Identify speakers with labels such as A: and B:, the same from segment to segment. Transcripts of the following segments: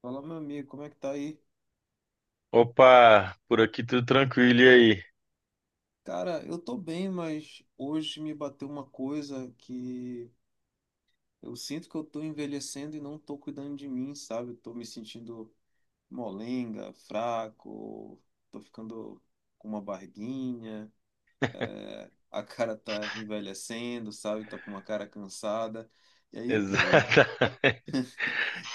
A: Fala, meu amigo, como é que tá aí?
B: Opa, por aqui tudo tranquilo, e aí?
A: Cara, eu tô bem, mas hoje me bateu uma coisa que eu sinto que eu tô envelhecendo e não tô cuidando de mim, sabe? Eu tô me sentindo molenga, fraco, tô ficando com uma barriguinha, é, a cara tá envelhecendo, sabe? Tá com uma cara cansada. E aí eu...
B: Exatamente.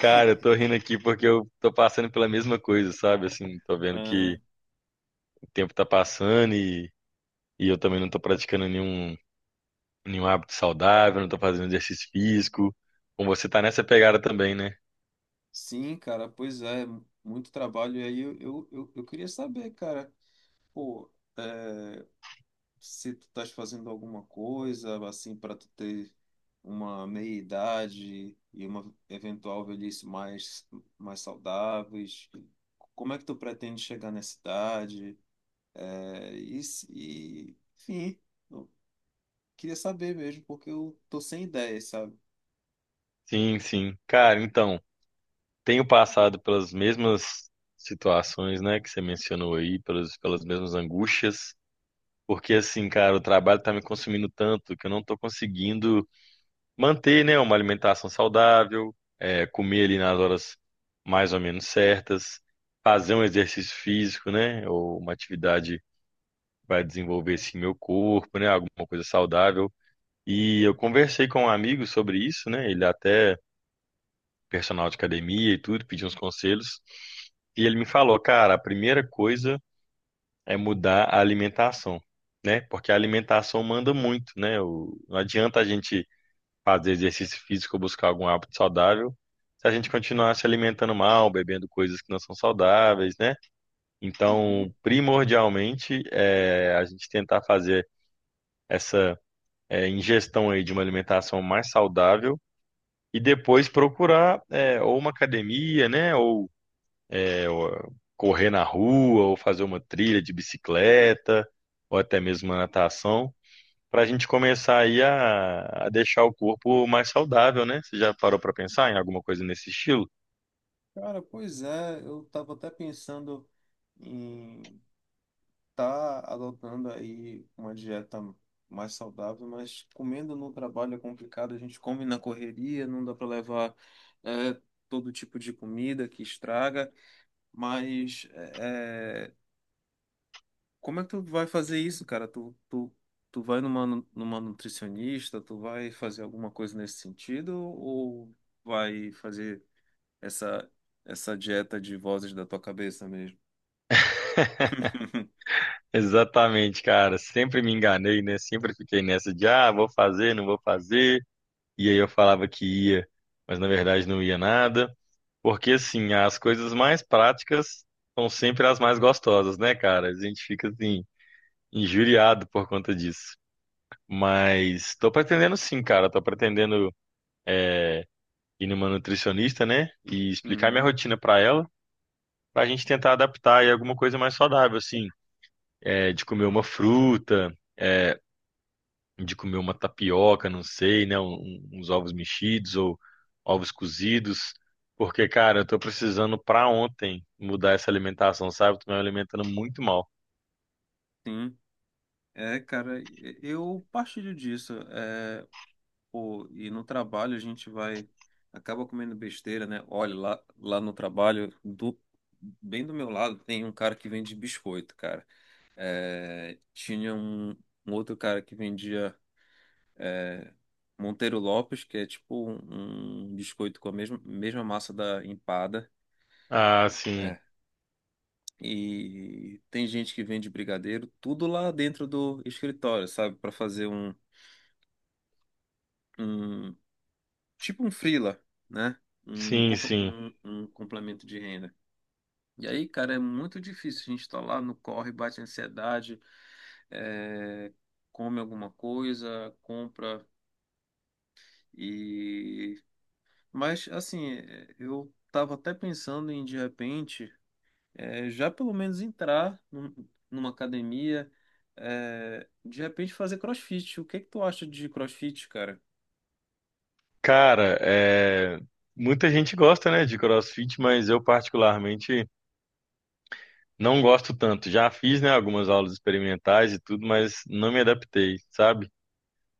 B: Cara, eu tô rindo aqui porque eu tô passando pela mesma coisa, sabe? Assim, tô vendo que
A: Aham.
B: o tempo tá passando e eu também não tô praticando nenhum hábito saudável, não tô fazendo exercício físico. Com você tá nessa pegada também, né?
A: Sim, cara, pois é, muito trabalho. E aí eu queria saber, cara, pô. eh, Se tu estás fazendo alguma coisa assim para tu ter uma meia-idade e uma eventual velhice mais saudáveis. Como é que tu pretende chegar nessa idade? É, e, se- e enfim, eu queria saber mesmo, porque eu tô sem ideias, sabe?
B: Sim, sim. Cara, então, tenho passado pelas mesmas situações, né, que você mencionou aí, pelas mesmas angústias, porque assim, cara, o trabalho tá me consumindo tanto que eu não tô conseguindo manter, né, uma alimentação saudável, é, comer ali nas horas mais ou menos certas, fazer um exercício físico, né, ou uma atividade que vai desenvolver assim meu corpo, né, alguma coisa saudável.
A: Hum.
B: E eu conversei com um amigo sobre isso, né, ele até personal de academia e tudo, pedi uns conselhos, e ele me falou, cara, a primeira coisa é mudar a alimentação. Né? Porque a alimentação manda muito, né? Não adianta a gente fazer exercício físico ou buscar algum hábito saudável, se a gente continuar se alimentando mal, bebendo coisas que não são saudáveis, né?
A: Uhum.
B: Então, primordialmente, é a gente tentar fazer essa é, ingestão aí de uma alimentação mais saudável e depois procurar é, ou uma academia, né? Ou, é, ou correr na rua, ou fazer uma trilha de bicicleta, ou até mesmo uma natação para a gente começar aí a deixar o corpo mais saudável, né? Você já parou para pensar em alguma coisa nesse estilo?
A: Cara, pois é, eu tava até pensando em tá adotando aí uma dieta mais saudável, mas comendo no trabalho é complicado, a gente come na correria, não dá para levar é, todo tipo de comida que estraga, mas é, como é que tu vai fazer isso, cara? Tu vai numa nutricionista, tu vai fazer alguma coisa nesse sentido ou vai fazer essa, essa dieta de vozes da tua cabeça mesmo?
B: Exatamente, cara. Sempre me enganei, né? Sempre fiquei nessa de, ah, vou fazer, não vou fazer. E aí eu falava que ia, mas na verdade não ia nada. Porque, assim, as coisas mais práticas são sempre as mais gostosas, né, cara? A gente fica, assim, injuriado por conta disso. Mas tô pretendendo sim, cara. Tô pretendendo ir numa nutricionista, né? E explicar minha
A: Uhum,
B: rotina pra ela para a gente tentar adaptar e alguma coisa mais saudável, assim, é, de comer uma fruta, é, de comer uma tapioca, não sei, né, uns ovos mexidos ou ovos cozidos, porque, cara, eu tô precisando para ontem mudar essa alimentação, sabe? Eu tô me alimentando muito mal.
A: sim. É, cara, eu partilho disso. É, pô, e no trabalho a gente vai, acaba comendo besteira, né? Olha, lá no trabalho, do, bem do meu lado, tem um cara que vende biscoito, cara. É, tinha um outro cara que vendia Monteiro Lopes, que é tipo um biscoito com a mesma massa da empada.
B: Ah, sim,
A: É. E tem gente que vende brigadeiro, tudo lá dentro do escritório, sabe? Para fazer um. Um tipo um freela, né?
B: sim, sim.
A: Um complemento de renda. E aí, cara, é muito difícil. A gente está lá no corre, bate ansiedade, é, come alguma coisa, compra e. Mas, assim, é, eu tava até pensando em, de repente, é, já pelo menos numa academia, é, de repente fazer CrossFit. O que é que tu acha de CrossFit, cara?
B: Cara, é, muita gente gosta, né, de CrossFit, mas eu particularmente não gosto tanto. Já fiz, né, algumas aulas experimentais e tudo, mas não me adaptei, sabe?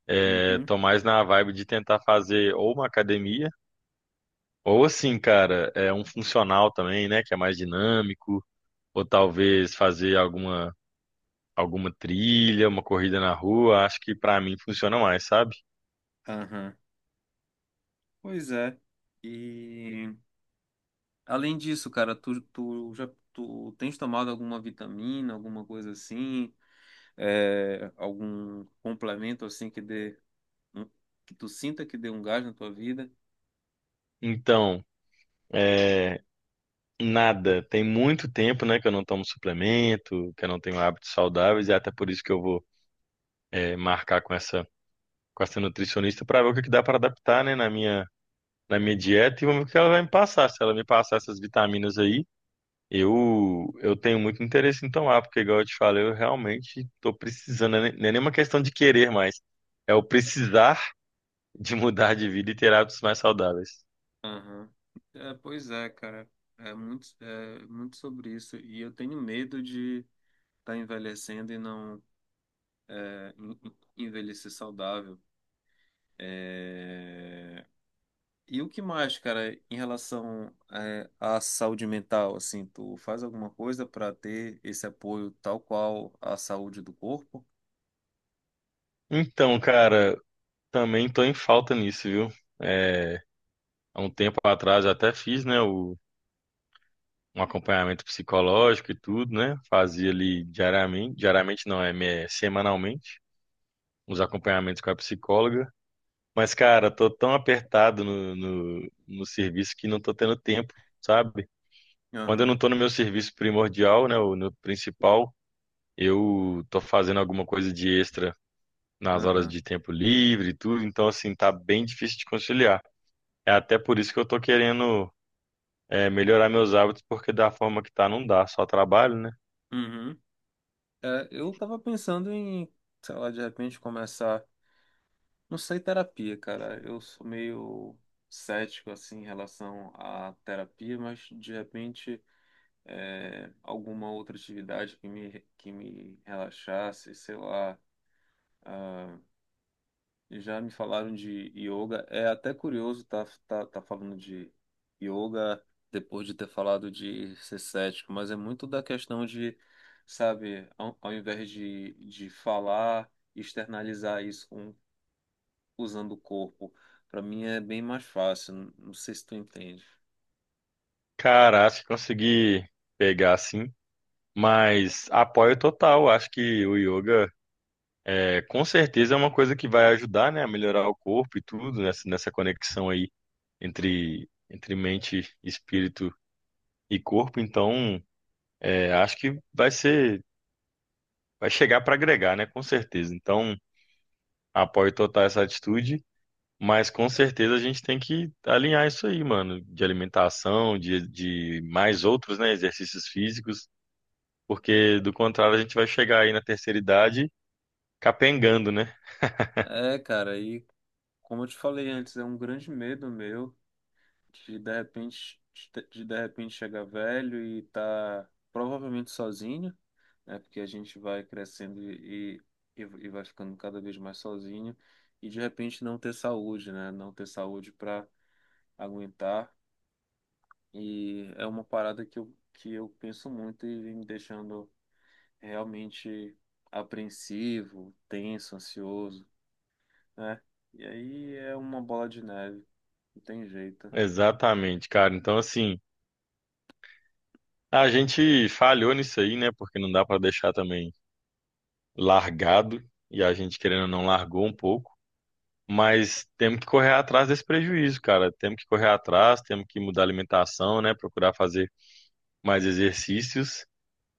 B: É,
A: Uhum,
B: tô mais na vibe de tentar fazer ou uma academia, ou assim, cara, é um funcional também, né? Que é mais dinâmico, ou talvez fazer alguma, alguma trilha, uma corrida na rua. Acho que pra mim funciona mais, sabe?
A: aham. Pois é. E. Além disso, cara, tu tens tomado alguma vitamina, alguma coisa assim, é, algum complemento assim que um- que tu sinta que dê um gás na tua vida?
B: Então, é, nada. Tem muito tempo, né, que eu não tomo suplemento, que eu não tenho hábitos saudáveis, e é até por isso que eu vou, é, marcar com essa nutricionista pra ver o que que dá pra adaptar, né, na minha. Na minha dieta e vamos ver o que ela vai me passar. Se ela me passar essas vitaminas aí, eu tenho muito interesse em tomar, porque, igual eu te falei, eu realmente estou precisando. Não é nem não é nem uma questão de querer mais. É o precisar de mudar de vida e ter hábitos mais saudáveis.
A: Aham. É, pois é, cara. É muito sobre isso. E eu tenho medo de estar envelhecendo e não é, envelhecer saudável. É, e o que mais, cara, em relação à saúde mental, assim, tu faz alguma coisa para ter esse apoio tal qual a saúde do corpo?
B: Então, cara, também estou em falta nisso, viu? É, há um tempo atrás eu até fiz, né, o, um acompanhamento psicológico e tudo, né? Fazia ali diariamente, diariamente não, é é semanalmente, uns acompanhamentos com a psicóloga. Mas, cara, tô tão apertado no serviço que não tô tendo tempo, sabe? Quando eu não
A: Aham,
B: tô no meu serviço primordial, né, o no principal, eu tô fazendo alguma coisa de extra nas horas
A: aham,
B: de tempo livre e tudo, então, assim, tá bem difícil de conciliar. É até por isso que eu tô querendo, é, melhorar meus hábitos, porque da forma que tá, não dá, só trabalho, né?
A: uhum. É, eu tava pensando em, sei lá, de repente começar, não sei, terapia, cara. Eu sou meio cético, assim, em relação à terapia, mas de repente alguma outra atividade que me relaxasse, sei lá. Ah, já me falaram de yoga. É até curioso tá falando de yoga depois de ter falado de ser cético, mas é muito da questão de, sabe, ao invés de falar, externalizar usando o corpo. Para mim é bem mais fácil. Não não sei se tu entende.
B: Cara, acho que consegui pegar, assim, mas apoio total, acho que o yoga. É, com certeza é uma coisa que vai ajudar, né, a melhorar o corpo e tudo, nessa, nessa conexão aí entre, entre mente, espírito e corpo. Então, é, acho que vai ser, vai chegar para agregar, né, com certeza. Então, apoio total essa atitude, mas com certeza a gente tem que alinhar isso aí, mano, de alimentação, de mais outros, né, exercícios físicos, porque do contrário a gente vai chegar aí na terceira idade capengando, né?
A: É, cara, e como eu te falei antes, é um grande medo meu de repente, de repente chegar velho e tá provavelmente sozinho. É porque a gente vai crescendo e vai ficando cada vez mais sozinho e de repente não ter saúde, né? Não ter saúde para aguentar. E é uma parada que eu penso muito e vem me deixando realmente apreensivo, tenso, ansioso, né? E aí é uma bola de neve, não tem jeito.
B: Exatamente, cara. Então, assim. A gente falhou nisso aí, né? Porque não dá para deixar também largado e a gente querendo ou não largou um pouco, mas temos que correr atrás desse prejuízo, cara. Temos que correr atrás, temos que mudar a alimentação, né? Procurar fazer mais exercícios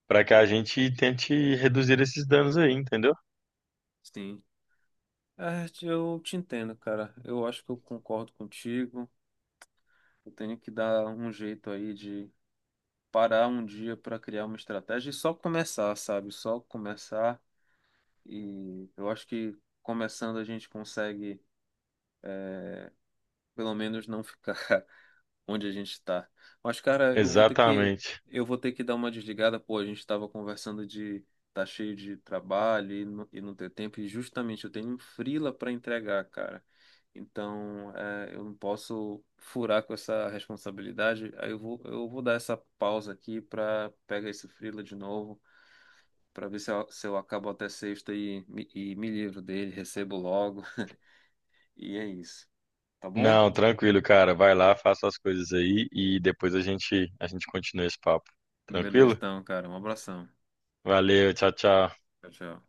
B: para que a gente tente reduzir esses danos aí, entendeu?
A: Sim. É, eu te entendo, cara. Eu acho que eu concordo contigo. Eu tenho que dar um jeito aí de parar um dia para criar uma estratégia e só começar, sabe? Só começar. E eu acho que começando a gente consegue, pelo menos, não ficar onde a gente está. Mas, cara,
B: Exatamente.
A: eu vou ter que dar uma desligada. Pô, a gente estava conversando de tá cheio de trabalho e e não ter tempo. E justamente eu tenho um freela para entregar, cara. Então, é, eu não posso furar com essa responsabilidade. Aí eu vou dar essa pausa aqui para pegar esse freela de novo para ver se eu acabo até sexta e me livro dele, recebo logo. E é isso. Tá bom?
B: Não, tranquilo, cara. Vai lá, faça as coisas aí e depois a gente continua esse papo.
A: Beleza,
B: Tranquilo?
A: então, cara. Um abração.
B: Valeu, tchau, tchau.
A: Tchau, tchau.